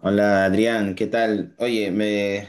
Hola Adrián, ¿qué tal? Oye, me...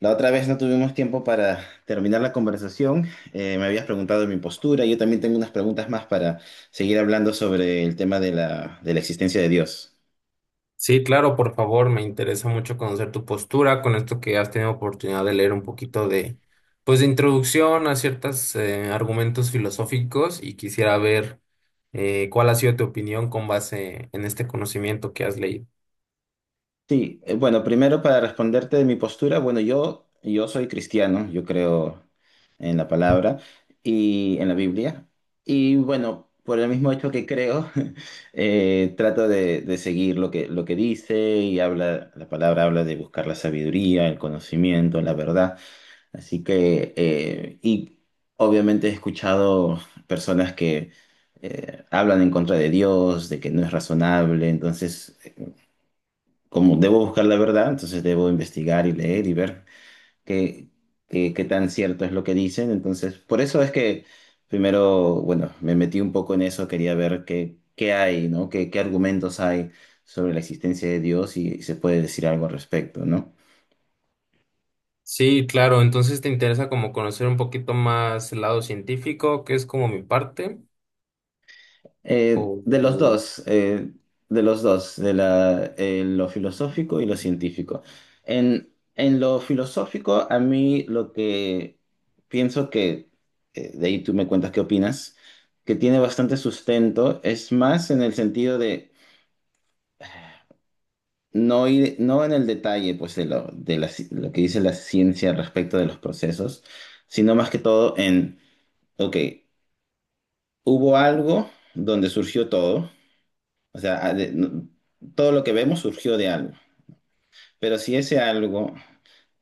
la otra vez no tuvimos tiempo para terminar la conversación. Me habías preguntado de mi postura. Yo también tengo unas preguntas más para seguir hablando sobre el tema de la existencia de Dios. Sí, claro, por favor, me interesa mucho conocer tu postura con esto que has tenido oportunidad de leer un poquito de, pues, de introducción a ciertos argumentos filosóficos y quisiera ver, cuál ha sido tu opinión con base en este conocimiento que has leído. Sí, bueno, primero para responderte de mi postura, bueno, yo soy cristiano, yo creo en la palabra y en la Biblia. Y bueno, por el mismo hecho que creo, trato de seguir lo que dice y habla, la palabra habla de buscar la sabiduría, el conocimiento, la verdad. Así que, obviamente he escuchado personas que hablan en contra de Dios, de que no es razonable. Entonces, como debo buscar la verdad, entonces debo investigar y leer y ver qué, qué tan cierto es lo que dicen. Entonces, por eso es que primero, bueno, me metí un poco en eso, quería ver qué hay, ¿no? Qué argumentos hay sobre la existencia de Dios y si se puede decir algo al respecto, ¿no? Sí, claro, entonces te interesa como conocer un poquito más el lado científico, que es como mi parte, De los o dos. De los dos, lo filosófico y lo científico. En lo filosófico, a mí lo que pienso que, de ahí tú me cuentas qué opinas, que tiene bastante sustento, es más en el sentido de no ir, no en el detalle, pues, de lo que dice la ciencia respecto de los procesos, sino más que todo en, ok, hubo algo donde surgió todo. O sea, todo lo que vemos surgió de algo. Pero si ese algo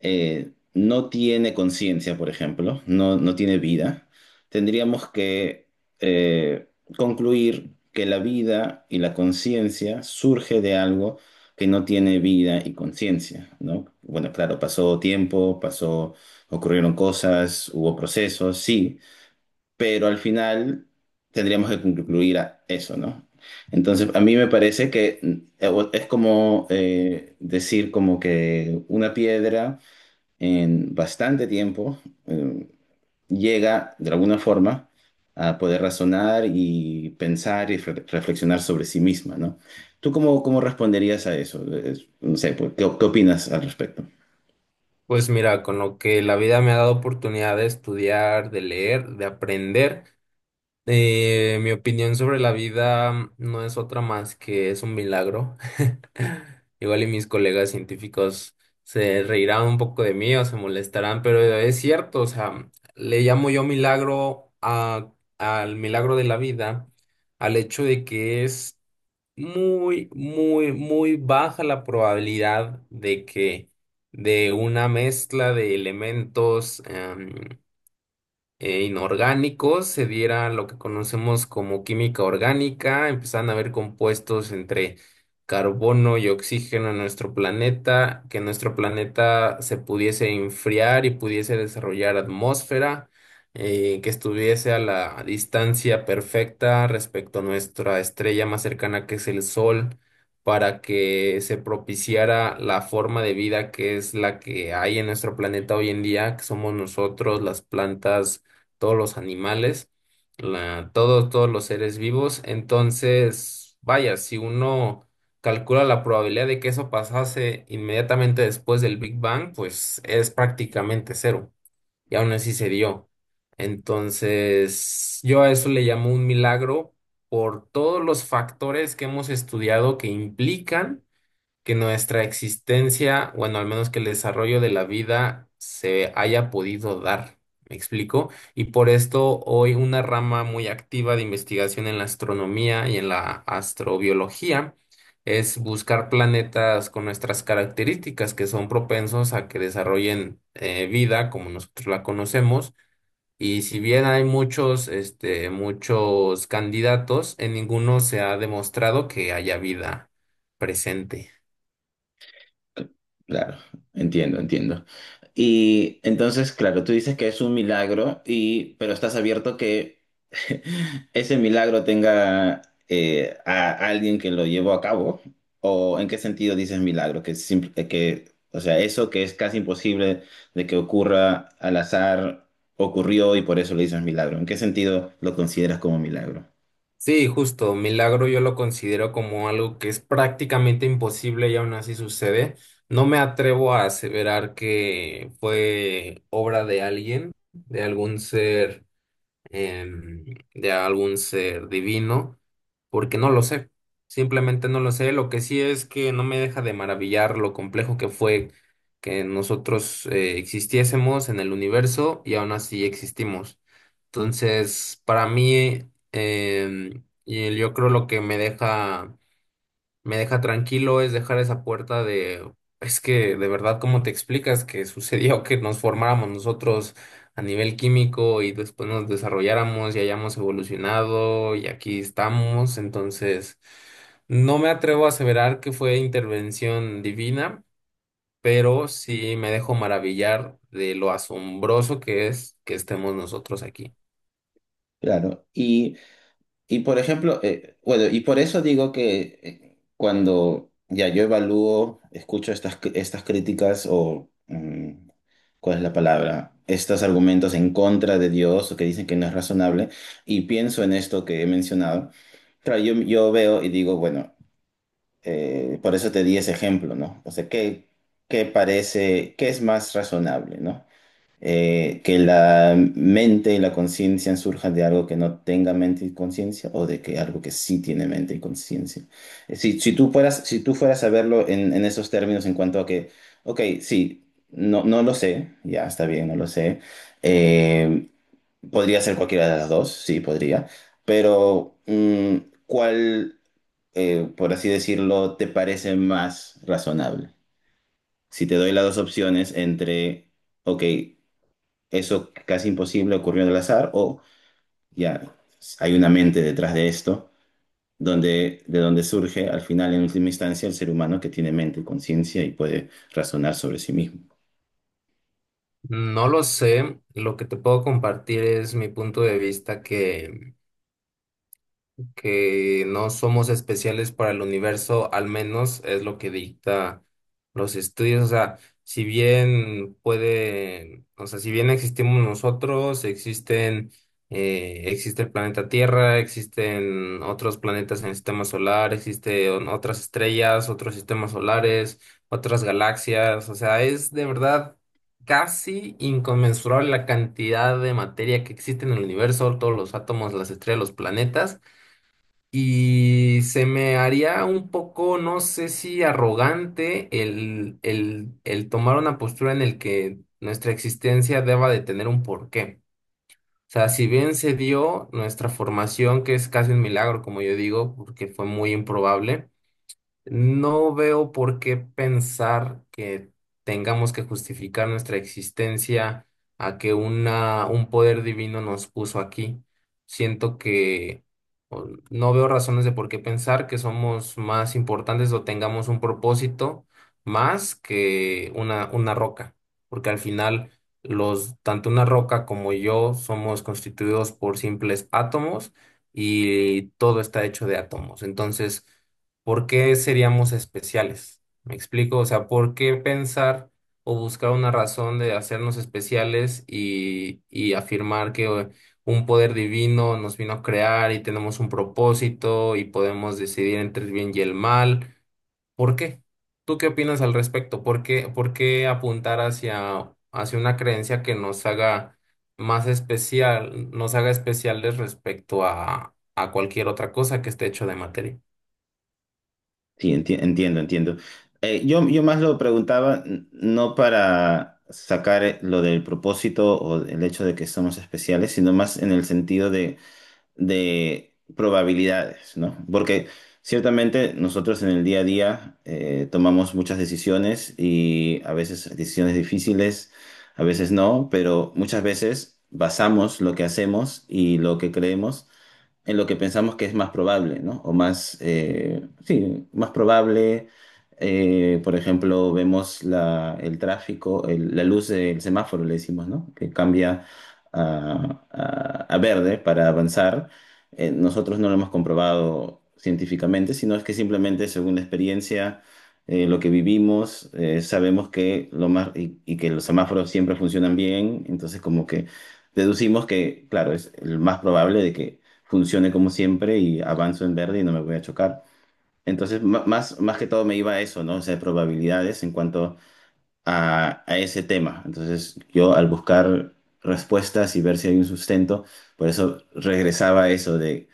no tiene conciencia, por ejemplo, no tiene vida, tendríamos que eh, concluir que la vida y la conciencia surge de algo que no tiene vida y conciencia, ¿no? Bueno, claro, pasó tiempo, pasó, ocurrieron cosas, hubo procesos, sí, pero al final tendríamos que concluir a eso, ¿no? Entonces, a mí me parece que es como decir como que una piedra en bastante tiempo eh, llega de alguna forma a poder razonar y pensar y reflexionar sobre sí misma, ¿no? ¿Tú cómo responderías a eso? No sé, pues, qué opinas al respecto? pues mira, con lo que la vida me ha dado oportunidad de estudiar, de leer, de aprender. Mi opinión sobre la vida no es otra más que es un milagro. Igual y mis colegas científicos se reirán un poco de mí o se molestarán, pero es cierto, o sea, le llamo yo milagro a- al milagro de la vida, al hecho de que es muy, muy, muy baja la probabilidad de que de una mezcla de elementos inorgánicos, se diera lo que conocemos como química orgánica, empezaban a haber compuestos entre carbono y oxígeno en nuestro planeta, que nuestro planeta se pudiese enfriar y pudiese desarrollar atmósfera, que estuviese a la distancia perfecta respecto a nuestra estrella más cercana que es el Sol, para que se propiciara la forma de vida que es la que hay en nuestro planeta hoy en día, que somos nosotros, las plantas, todos los animales, todos, todos los seres vivos. Entonces, vaya, si uno calcula la probabilidad de que eso pasase inmediatamente después del Big Bang, pues es prácticamente cero. Y aún así se dio. Entonces, yo a eso le llamo un milagro por todos los factores que hemos estudiado que implican que nuestra existencia, bueno, al menos que el desarrollo de la vida se haya podido dar. ¿Me explico? Y por esto hoy una rama muy activa de investigación en la astronomía y en la astrobiología es buscar planetas con nuestras características que son propensos a que desarrollen vida como nosotros la conocemos. Y si bien hay muchos, este, muchos candidatos, en ninguno se ha demostrado que haya vida presente. Claro, entiendo, entiendo. Y entonces, claro, tú dices que es un milagro y, pero estás abierto que ese milagro tenga, a alguien que lo llevó a cabo. ¿O en qué sentido dices milagro? Que simple, o sea, eso que es casi imposible de que ocurra al azar ocurrió y por eso le dices milagro. ¿En qué sentido lo consideras como milagro? Sí, justo, milagro yo lo considero como algo que es prácticamente imposible y aún así sucede. No me atrevo a aseverar que fue obra de alguien, de algún ser, em, de algún ser divino, porque no lo sé, simplemente no lo sé. Lo que sí es que no me deja de maravillar lo complejo que fue que nosotros existiésemos en el universo y aún así existimos. Entonces, para mí, y yo creo lo que me deja tranquilo es dejar esa puerta de, es que de verdad, ¿cómo te explicas que sucedió que nos formáramos nosotros a nivel químico y después nos desarrolláramos y hayamos evolucionado y aquí estamos? Entonces, no me atrevo a aseverar que fue intervención divina, pero sí me dejo maravillar de lo asombroso que es que estemos nosotros aquí. Claro. Y por ejemplo, bueno, y por eso digo que cuando ya yo evalúo, escucho estas, estas críticas o, mm, ¿cuál es la palabra? Estos argumentos en contra de Dios o que dicen que no es razonable, y pienso en esto que he mencionado, claro, yo veo y digo, bueno, por eso te di ese ejemplo, ¿no? O sea, qué parece, qué es más razonable, ¿no? Que la mente y la conciencia surjan de algo que no tenga mente y conciencia o de que algo que sí tiene mente y conciencia. Si tú fueras, si tú fueras a verlo en esos términos en cuanto a que, ok, sí, no lo sé, ya está bien, no lo sé, eh, podría ser cualquiera de las dos, sí, podría, pero ¿cuál, por así decirlo, te parece más razonable? Si te doy las dos opciones entre, ok, eso casi imposible ocurrió en el azar, o ya hay una mente detrás de esto, donde, de donde surge al final, en última instancia, el ser humano que tiene mente y conciencia y puede razonar sobre sí mismo. No lo sé, lo que te puedo compartir es mi punto de vista, que no somos especiales para el universo, al menos es lo que dicta los estudios. O sea, si bien puede, o sea, si bien existimos nosotros, existen, existe el planeta Tierra, existen otros planetas en el sistema solar, existen otras estrellas, otros sistemas solares, otras galaxias. O sea, es de verdad casi inconmensurable la cantidad de materia que existe en el universo, todos los átomos, las estrellas, los planetas. Y se me haría un poco, no sé si arrogante, el tomar una postura en el que nuestra existencia deba de tener un porqué. O sea, si bien se dio nuestra formación, que es casi un milagro, como yo digo, porque fue muy improbable. No veo por qué pensar que tengamos que justificar nuestra existencia a que una, un poder divino nos puso aquí. Siento que o, no veo razones de por qué pensar que somos más importantes o tengamos un propósito más que una roca, porque al final tanto una roca como yo somos constituidos por simples átomos y todo está hecho de átomos. Entonces, ¿por qué seríamos especiales? ¿Me explico? O sea, ¿por qué pensar o buscar una razón de hacernos especiales y afirmar que un poder divino nos vino a crear y tenemos un propósito y podemos decidir entre el bien y el mal? ¿Por qué? ¿Tú qué opinas al respecto? Por qué apuntar hacia, hacia una creencia que nos haga más especial, nos haga especiales respecto a cualquier otra cosa que esté hecho de materia? Sí, entiendo, entiendo. Yo más lo preguntaba no para sacar lo del propósito o el hecho de que somos especiales, sino más en el sentido de probabilidades, ¿no? Porque ciertamente nosotros en el día a día tomamos muchas decisiones y a veces decisiones difíciles, a veces no, pero muchas veces basamos lo que hacemos y lo que creemos en lo que pensamos que es más probable, ¿no? O más, sí, más probable. Por ejemplo, vemos el tráfico, la luz del semáforo, le decimos, ¿no? Que cambia a verde para avanzar. Nosotros no lo hemos comprobado científicamente, sino es que simplemente según la experiencia, lo que vivimos, sabemos que lo más, y que los semáforos siempre funcionan bien, entonces como que deducimos que, claro, es el más probable de que funcione como siempre y avanzo en verde y no me voy a chocar. Entonces, más que todo me iba a eso, ¿no? O sea, probabilidades en cuanto a ese tema. Entonces, yo al buscar respuestas y ver si hay un sustento, por eso regresaba a eso de,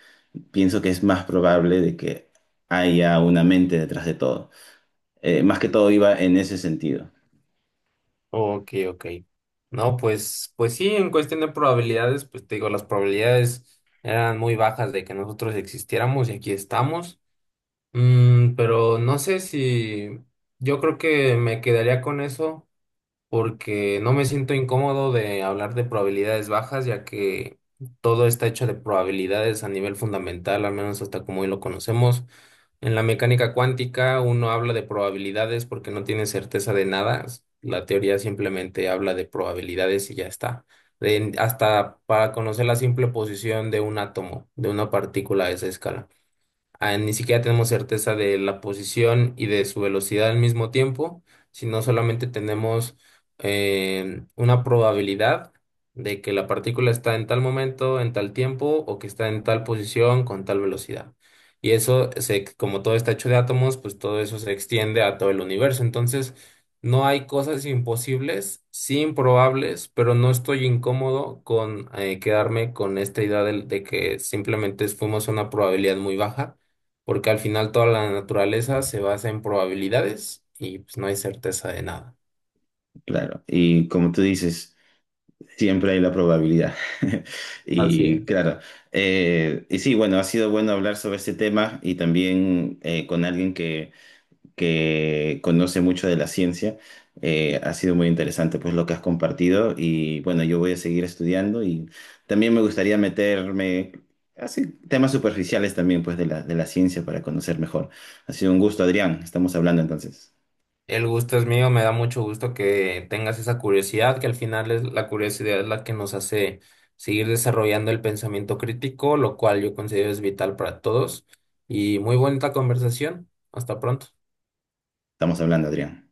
pienso que es más probable de que haya una mente detrás de todo. Más que todo iba en ese sentido, Ok, ok. No, pues, pues sí, en cuestión de probabilidades, pues te digo, las probabilidades eran muy bajas de que nosotros existiéramos y aquí estamos. Mm, pero no sé si yo creo que me quedaría con eso porque no me siento incómodo de hablar de probabilidades bajas, ya que todo está hecho de probabilidades a nivel fundamental, al menos hasta como hoy lo conocemos. En la mecánica cuántica uno habla de probabilidades porque no tiene certeza de nada. La teoría simplemente habla de probabilidades y ya está. Hasta para conocer la simple posición de un átomo, de una partícula a esa escala, ni siquiera tenemos certeza de la posición y de su velocidad al mismo tiempo, sino solamente tenemos una probabilidad de que la partícula está en tal momento, en tal tiempo, o que está en tal posición con tal velocidad. Como todo está hecho de átomos, pues todo eso se extiende a todo el universo. Entonces, no hay cosas imposibles, sí improbables, pero no estoy incómodo con, quedarme con esta idea que simplemente fuimos a una probabilidad muy baja porque al final toda la naturaleza se basa en probabilidades y pues no hay certeza de nada. claro. Y como tú dices... Siempre hay la probabilidad. Así Y es. claro, y sí, bueno, ha sido bueno hablar sobre este tema y también con alguien que conoce mucho de la ciencia. Ha sido muy interesante pues lo que has compartido y bueno, yo voy a seguir estudiando y también me gustaría meterme así temas superficiales también pues de la ciencia para conocer mejor. Ha sido un gusto, Adrián. Estamos hablando entonces. El gusto es mío, me da mucho gusto que tengas esa curiosidad, que al final es la curiosidad la que nos hace seguir desarrollando el pensamiento crítico, lo cual yo considero es vital para todos. Y muy bonita conversación. Hasta pronto. Estamos hablando, Adrián.